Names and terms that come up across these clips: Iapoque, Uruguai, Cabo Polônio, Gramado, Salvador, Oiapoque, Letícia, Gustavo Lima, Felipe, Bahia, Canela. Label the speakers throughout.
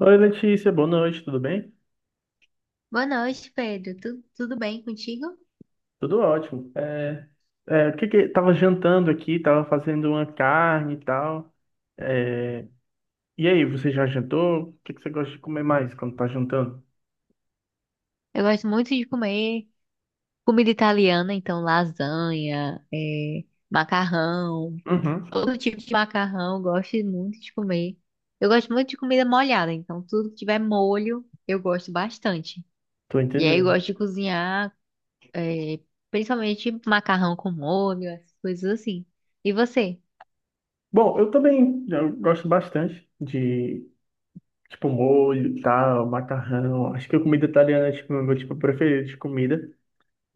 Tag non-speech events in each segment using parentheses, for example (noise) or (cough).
Speaker 1: Oi, Letícia, boa noite, tudo bem?
Speaker 2: Boa noite, Pedro. Tudo bem contigo?
Speaker 1: Tudo ótimo. O que que tava jantando aqui, tava fazendo uma carne e tal. É, e aí, você já jantou? O que que você gosta de comer mais quando tá jantando?
Speaker 2: Eu gosto muito de comer comida italiana, então lasanha, macarrão,
Speaker 1: Uhum.
Speaker 2: todo tipo de macarrão, eu gosto muito de comer. Eu gosto muito de comida molhada, então tudo que tiver molho, eu gosto bastante.
Speaker 1: Tô
Speaker 2: E aí eu
Speaker 1: entendendo.
Speaker 2: gosto de cozinhar, é, principalmente macarrão com molho, essas coisas assim. E você?
Speaker 1: Bom, eu também eu gosto bastante de tipo molho, e tal, macarrão. Acho que a comida italiana é tipo, o meu tipo preferido de comida.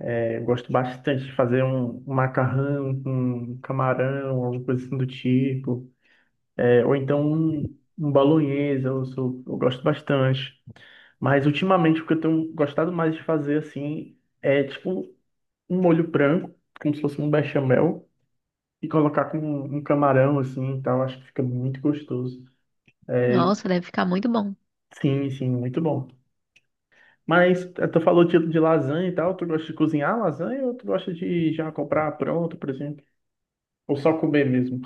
Speaker 1: É, eu gosto bastante de fazer um macarrão com camarão, alguma coisa assim do tipo. É, ou então um bolonhesa, eu gosto bastante. Mas ultimamente o que eu tenho gostado mais de fazer assim é tipo um molho branco, como se fosse um bechamel, e colocar com um camarão assim e tal. Acho que fica muito gostoso.
Speaker 2: Nossa, deve ficar muito bom.
Speaker 1: Sim, sim, muito bom. Mas tu falou de lasanha e tal, tu gosta de cozinhar lasanha ou tu gosta de já comprar pronto, por exemplo? Ou só comer mesmo?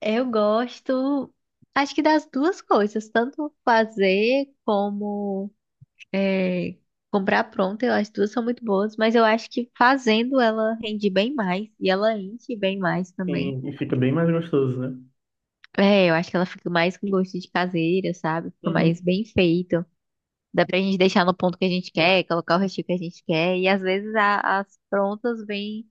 Speaker 2: Eu gosto, acho que das duas coisas, tanto fazer como É, comprar pronta, as duas são muito boas, mas eu acho que fazendo ela rende bem mais e ela enche bem mais também.
Speaker 1: Sim, e fica bem mais gostoso, né?
Speaker 2: É, eu acho que ela fica mais com gosto de caseira, sabe? Fica mais
Speaker 1: Uhum.
Speaker 2: bem feito. Dá pra gente deixar no ponto que a gente quer, colocar o recheio que a gente quer. E às vezes as prontas vêm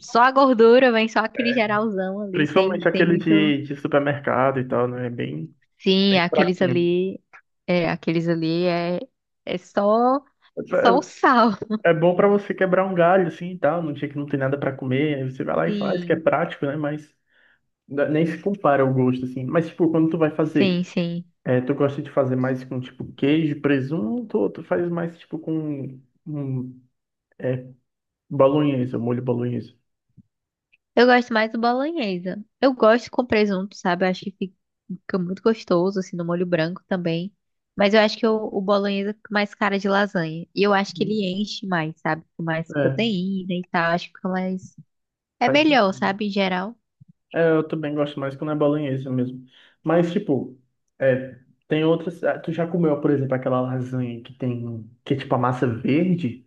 Speaker 2: só a gordura, vem só aquele geralzão ali,
Speaker 1: Principalmente
Speaker 2: sem
Speaker 1: aquele
Speaker 2: muito.
Speaker 1: de supermercado e tal, né? É bem,
Speaker 2: Sim,
Speaker 1: bem
Speaker 2: aqueles
Speaker 1: fraquinho.
Speaker 2: ali. É, aqueles ali é só o sal.
Speaker 1: É, é bom pra você quebrar um galho, assim, e tal, num dia que não tem nada pra comer, aí você vai lá e faz, que é
Speaker 2: Sim,
Speaker 1: prático, né? Mas nem se compara o gosto, assim. Mas, tipo, quando tu vai
Speaker 2: sim,
Speaker 1: fazer,
Speaker 2: sim.
Speaker 1: é, tu gosta de fazer mais com, tipo, queijo, presunto, ou tu faz mais, tipo, com um bolonhesa, molho bolonhesa?
Speaker 2: Eu gosto mais do bolonhesa. Eu gosto com presunto, sabe? Eu acho que fica muito gostoso, assim, no molho branco também. Mas eu acho que o bolonhesa fica mais cara de lasanha. E eu acho que ele enche mais, sabe? Com mais
Speaker 1: É,
Speaker 2: proteína e tal. Acho que fica mais. É
Speaker 1: faz-
Speaker 2: melhor, sabe? Em geral.
Speaker 1: é, eu também gosto mais quando é bolonhesa mesmo. Mas, tipo, é, tem outras... Ah, tu já comeu, por exemplo, aquela lasanha que tem... Que é, tipo, a massa verde?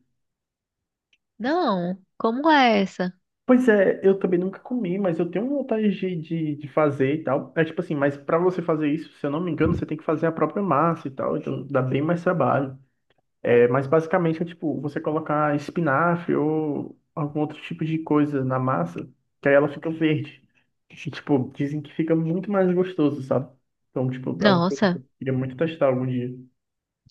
Speaker 2: Não, como é essa?
Speaker 1: Pois é, eu também nunca comi, mas eu tenho vontade de fazer e tal. É tipo assim, mas pra você fazer isso, se eu não me engano, você tem que fazer a própria massa e tal, então dá bem mais trabalho. É, mas basicamente é tipo, você colocar espinafre ou algum outro tipo de coisa na massa, que aí ela fica verde. E, tipo, dizem que fica muito mais gostoso, sabe? Então, tipo, é um que
Speaker 2: Nossa,
Speaker 1: eu queria muito testar algum dia.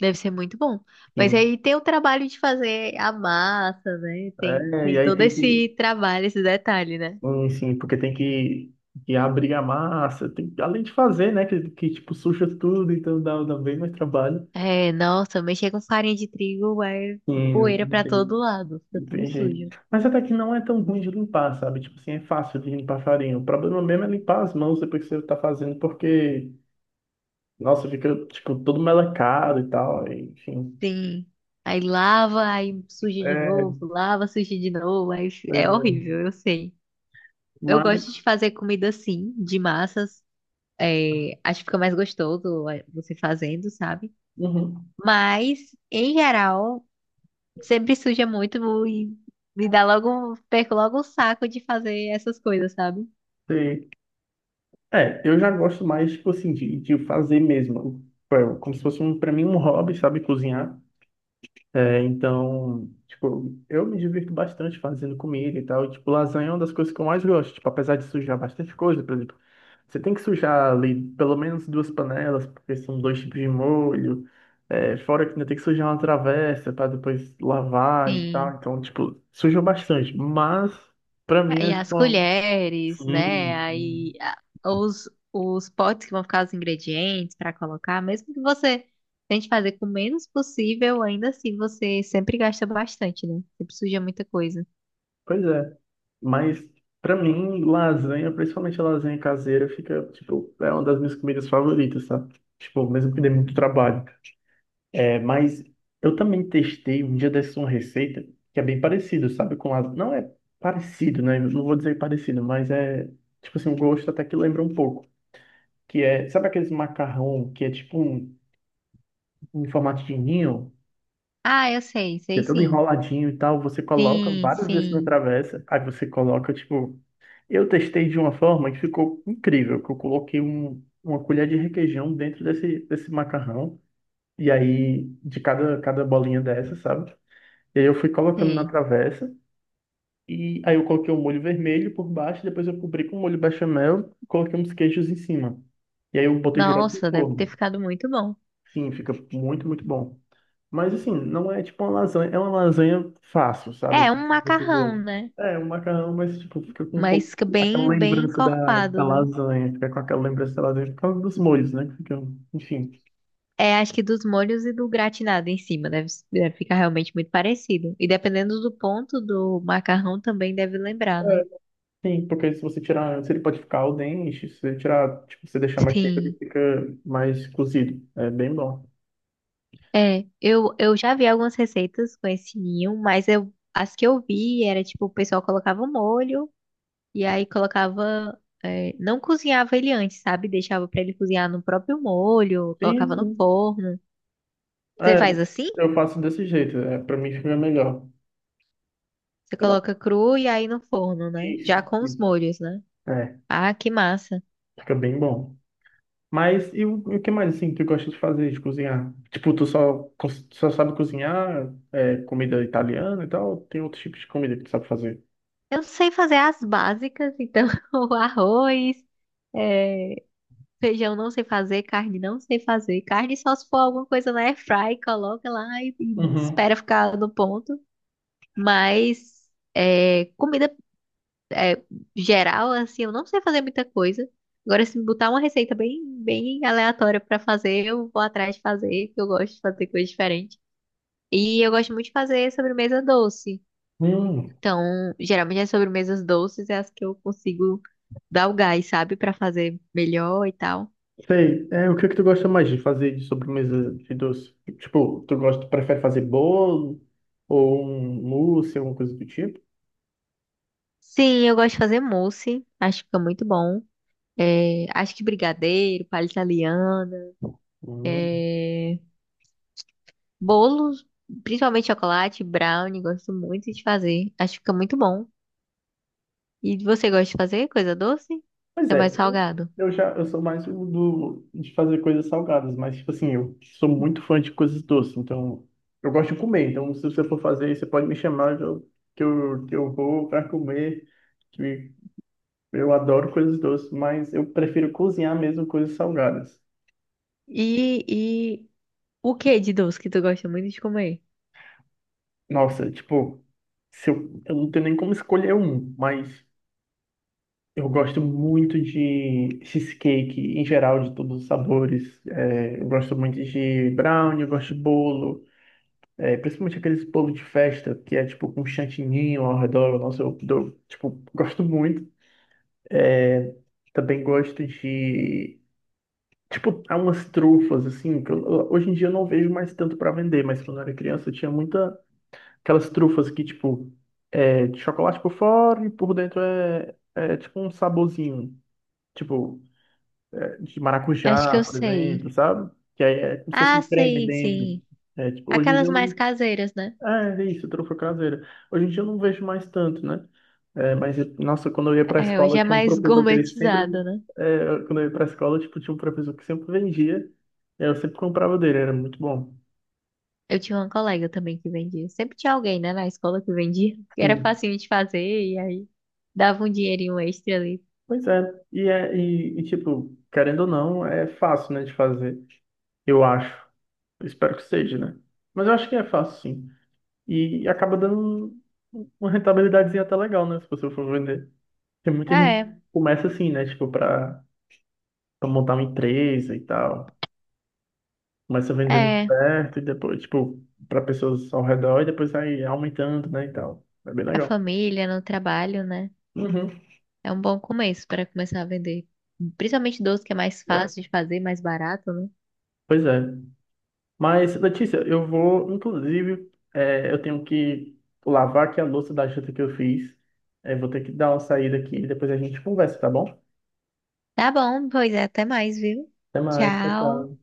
Speaker 2: deve ser muito bom. Mas
Speaker 1: Sim.
Speaker 2: aí tem o trabalho de fazer a massa, né?
Speaker 1: É, e
Speaker 2: Tem
Speaker 1: aí
Speaker 2: todo
Speaker 1: tem que
Speaker 2: esse trabalho, esse detalhe, né?
Speaker 1: sim, sim, porque tem que abrir a massa, tem, além de fazer, né? Que tipo, suja tudo, então dá bem mais trabalho.
Speaker 2: É, nossa, mexer com farinha de trigo é
Speaker 1: Sim,
Speaker 2: poeira
Speaker 1: não
Speaker 2: pra todo
Speaker 1: tem
Speaker 2: lado, fica
Speaker 1: não
Speaker 2: tudo
Speaker 1: tem
Speaker 2: sujo.
Speaker 1: jeito. Mas até que não é tão ruim de limpar, sabe? Tipo assim, é fácil de limpar farinha. O problema mesmo é limpar as mãos depois que você tá fazendo, porque, nossa, fica, tipo, todo melecado e tal, e, enfim.
Speaker 2: Sim. Aí lava, aí suja de
Speaker 1: É,
Speaker 2: novo, lava, suja de novo,
Speaker 1: pois
Speaker 2: é
Speaker 1: é.
Speaker 2: horrível, eu sei. Eu
Speaker 1: Mas,
Speaker 2: gosto de fazer comida assim, de massas. É, acho que fica mais gostoso é, você fazendo, sabe?
Speaker 1: uhum,
Speaker 2: Mas, em geral, sempre suja muito e me dá logo, perco logo o saco de fazer essas coisas, sabe?
Speaker 1: sei. É, eu já gosto mais, tipo assim, de fazer mesmo. Tipo, é como se fosse, um, pra mim, um hobby, sabe? Cozinhar. É, então, tipo, eu me divirto bastante fazendo comida e tal. Tipo, lasanha é uma das coisas que eu mais gosto. Tipo, apesar de sujar bastante coisa, por exemplo, você tem que sujar ali pelo menos duas panelas, porque são dois tipos de molho. É, fora que ainda tem que sujar uma travessa para depois lavar e tal.
Speaker 2: Sim.
Speaker 1: Então, tipo, suja bastante. Mas, pra mim,
Speaker 2: Ah, e
Speaker 1: é tipo,
Speaker 2: as colheres,
Speaker 1: sim,
Speaker 2: né?
Speaker 1: sim.
Speaker 2: Os potes que vão ficar os ingredientes para colocar, mesmo que você tente fazer com o menos possível, ainda assim você sempre gasta bastante, né? Sempre suja muita coisa.
Speaker 1: Pois é. Mas pra mim, lasanha, principalmente a lasanha caseira, fica, tipo, é uma das minhas comidas favoritas, sabe? Tipo, mesmo que dê muito trabalho. É, mas eu também testei um dia dessa uma receita que é bem parecido, sabe? Com lasanha. Não é parecido, né? Eu não vou dizer parecido, mas é, tipo assim, o gosto até que lembra um pouco. Que é, sabe aqueles macarrão que é tipo um, em formato de ninho?
Speaker 2: Ah, eu sei,
Speaker 1: Que é
Speaker 2: sei
Speaker 1: todo
Speaker 2: sim.
Speaker 1: enroladinho e tal, você coloca
Speaker 2: Sim,
Speaker 1: várias vezes na
Speaker 2: sim,
Speaker 1: travessa, aí você coloca, tipo, eu testei de uma forma que ficou incrível, que eu coloquei uma colher de requeijão dentro desse macarrão, e aí de cada bolinha dessa, sabe? E aí eu fui colocando na
Speaker 2: sei.
Speaker 1: travessa, e aí eu coloquei o molho vermelho por baixo, depois eu cobri com molho bechamel, e coloquei uns queijos em cima. E aí eu botei direto no
Speaker 2: Nossa, deve ter
Speaker 1: forno.
Speaker 2: ficado muito bom.
Speaker 1: Sim, fica muito, muito bom. Mas assim, não é tipo uma lasanha, é uma lasanha fácil, sabe?
Speaker 2: É um
Speaker 1: Precisa-
Speaker 2: macarrão, né?
Speaker 1: É, um macarrão, mas tipo, fica com um pouco
Speaker 2: Mas que
Speaker 1: aquela
Speaker 2: bem, bem
Speaker 1: lembrança da
Speaker 2: encorpado, né?
Speaker 1: lasanha, fica com aquela lembrança da lasanha por causa dos molhos, né? Que ficam, enfim.
Speaker 2: É, acho que dos molhos e do gratinado em cima deve, deve ficar realmente muito parecido. E dependendo do ponto do macarrão também deve lembrar, né?
Speaker 1: Sim, porque se você tirar, se ele pode ficar al dente, se você tirar, tipo, você deixar mais quente, ele
Speaker 2: Sim.
Speaker 1: fica mais cozido. É bem bom.
Speaker 2: É, eu já vi algumas receitas com esse ninho, mas eu, as que eu vi era tipo, o pessoal colocava o molho e aí colocava. É, não cozinhava ele antes, sabe? Deixava pra ele cozinhar no próprio molho,
Speaker 1: Sim,
Speaker 2: colocava no
Speaker 1: sim.
Speaker 2: forno. Você
Speaker 1: É,
Speaker 2: faz assim?
Speaker 1: eu faço desse jeito, é, pra mim fica melhor.
Speaker 2: Você
Speaker 1: Você dá-
Speaker 2: coloca cru e aí no forno, né? Já
Speaker 1: Isso,
Speaker 2: com os
Speaker 1: isso.
Speaker 2: molhos, né?
Speaker 1: É,
Speaker 2: Ah, que massa.
Speaker 1: fica bem bom. Mas e o que mais assim tu gosta de fazer, de cozinhar? Tipo, tu só, só sabe cozinhar é, comida italiana e tal? Ou tem outros tipos de comida que tu sabe fazer?
Speaker 2: Eu sei fazer as básicas, então (laughs) o arroz, é, feijão não sei fazer, carne não sei fazer. Carne só se for alguma coisa na airfry, coloca lá e
Speaker 1: Uhum.
Speaker 2: espera ficar no ponto. Mas é, comida é, geral, assim, eu não sei fazer muita coisa. Agora, se me botar uma receita bem, bem aleatória pra fazer, eu vou atrás de fazer, porque eu gosto de fazer coisa diferente. E eu gosto muito de fazer sobremesa doce.
Speaker 1: Hum,
Speaker 2: Então, geralmente as sobremesas doces é as que eu consigo dar o gás, sabe? Pra fazer melhor e tal.
Speaker 1: sei. É, o que é que tu gosta mais de fazer de sobremesa de doce? Tipo, tu gosta, prefere fazer bolo ou um mousse, alguma coisa do tipo?
Speaker 2: Sim, eu gosto de fazer mousse. Acho que fica muito bom. É, acho que brigadeiro, palha italiana, é, bolos, principalmente chocolate, brownie, gosto muito de fazer. Acho que fica muito bom. E você gosta de fazer coisa doce?
Speaker 1: Pois
Speaker 2: Você é
Speaker 1: é,
Speaker 2: mais
Speaker 1: eu,
Speaker 2: salgado.
Speaker 1: eu já eu sou mais o do de fazer coisas salgadas, mas tipo assim, eu sou muito fã de coisas doces, então eu gosto de comer, então se você for fazer, você pode me chamar que eu vou para comer, que eu adoro coisas doces, mas eu prefiro cozinhar mesmo coisas salgadas.
Speaker 2: E, e o que de doce que tu gosta muito de comer?
Speaker 1: Nossa, tipo, se eu não tenho nem como escolher um, mas eu gosto muito de cheesecake em geral, de todos os sabores. É, eu gosto muito de brownie, eu gosto de bolo. É principalmente aqueles bolo de festa que é tipo com um chantininho ao redor. Nossa, tipo, gosto muito. Também gosto de. Tipo, há umas trufas, assim, hoje em dia eu não vejo mais tanto pra vender, mas quando eu era criança eu tinha muita. Aquelas trufas que, tipo, é de chocolate por fora e por dentro é tipo um saborzinho. Tipo, é, de
Speaker 2: Acho que
Speaker 1: maracujá,
Speaker 2: eu
Speaker 1: por
Speaker 2: sei.
Speaker 1: exemplo, sabe? Que aí é como se fosse
Speaker 2: Ah,
Speaker 1: um creme
Speaker 2: sei,
Speaker 1: dentro.
Speaker 2: sim.
Speaker 1: É, tipo, hoje em dia
Speaker 2: Aquelas
Speaker 1: eu
Speaker 2: mais
Speaker 1: não.
Speaker 2: caseiras, né?
Speaker 1: É, é isso, trufa caseira. Hoje em dia eu não vejo mais tanto, né? É, mas, nossa, quando eu ia pra
Speaker 2: É,
Speaker 1: escola,
Speaker 2: hoje é
Speaker 1: tinha um
Speaker 2: mais (laughs)
Speaker 1: professor que ele sempre.
Speaker 2: gourmetizada, né?
Speaker 1: É, quando eu ia pra escola, tipo, tinha um professor que sempre vendia. Eu sempre comprava dele, era muito bom.
Speaker 2: Eu tinha uma colega também que vendia. Sempre tinha alguém, né, na escola que vendia. Que era
Speaker 1: Sim.
Speaker 2: facinho de fazer e aí dava um dinheirinho extra ali.
Speaker 1: Pois é. Tipo, querendo ou não, é fácil, né, de fazer. Eu acho. Eu espero que seja, né? Mas eu acho que é fácil, sim. E acaba dando uma rentabilidadezinha até legal, né? Se você for vender. Tem muita gente que
Speaker 2: É,
Speaker 1: começa assim, né? Tipo, pra montar uma empresa e tal. Começa vendendo
Speaker 2: é.
Speaker 1: perto e depois, tipo, pra pessoas ao redor e depois vai aumentando, né, e tal. É bem
Speaker 2: Pra
Speaker 1: legal.
Speaker 2: família, no trabalho, né?
Speaker 1: Uhum.
Speaker 2: É um bom começo para começar a vender. Principalmente doce que é mais fácil de fazer, mais barato, né?
Speaker 1: Pois é. Mas, Letícia, eu vou, inclusive, eu tenho que lavar aqui a louça da janta que eu fiz. É, vou ter que dar uma saída aqui e depois a gente conversa, tá bom?
Speaker 2: Tá bom, pois é, até mais, viu?
Speaker 1: Até mais, tchau,
Speaker 2: Tchau.
Speaker 1: tchau.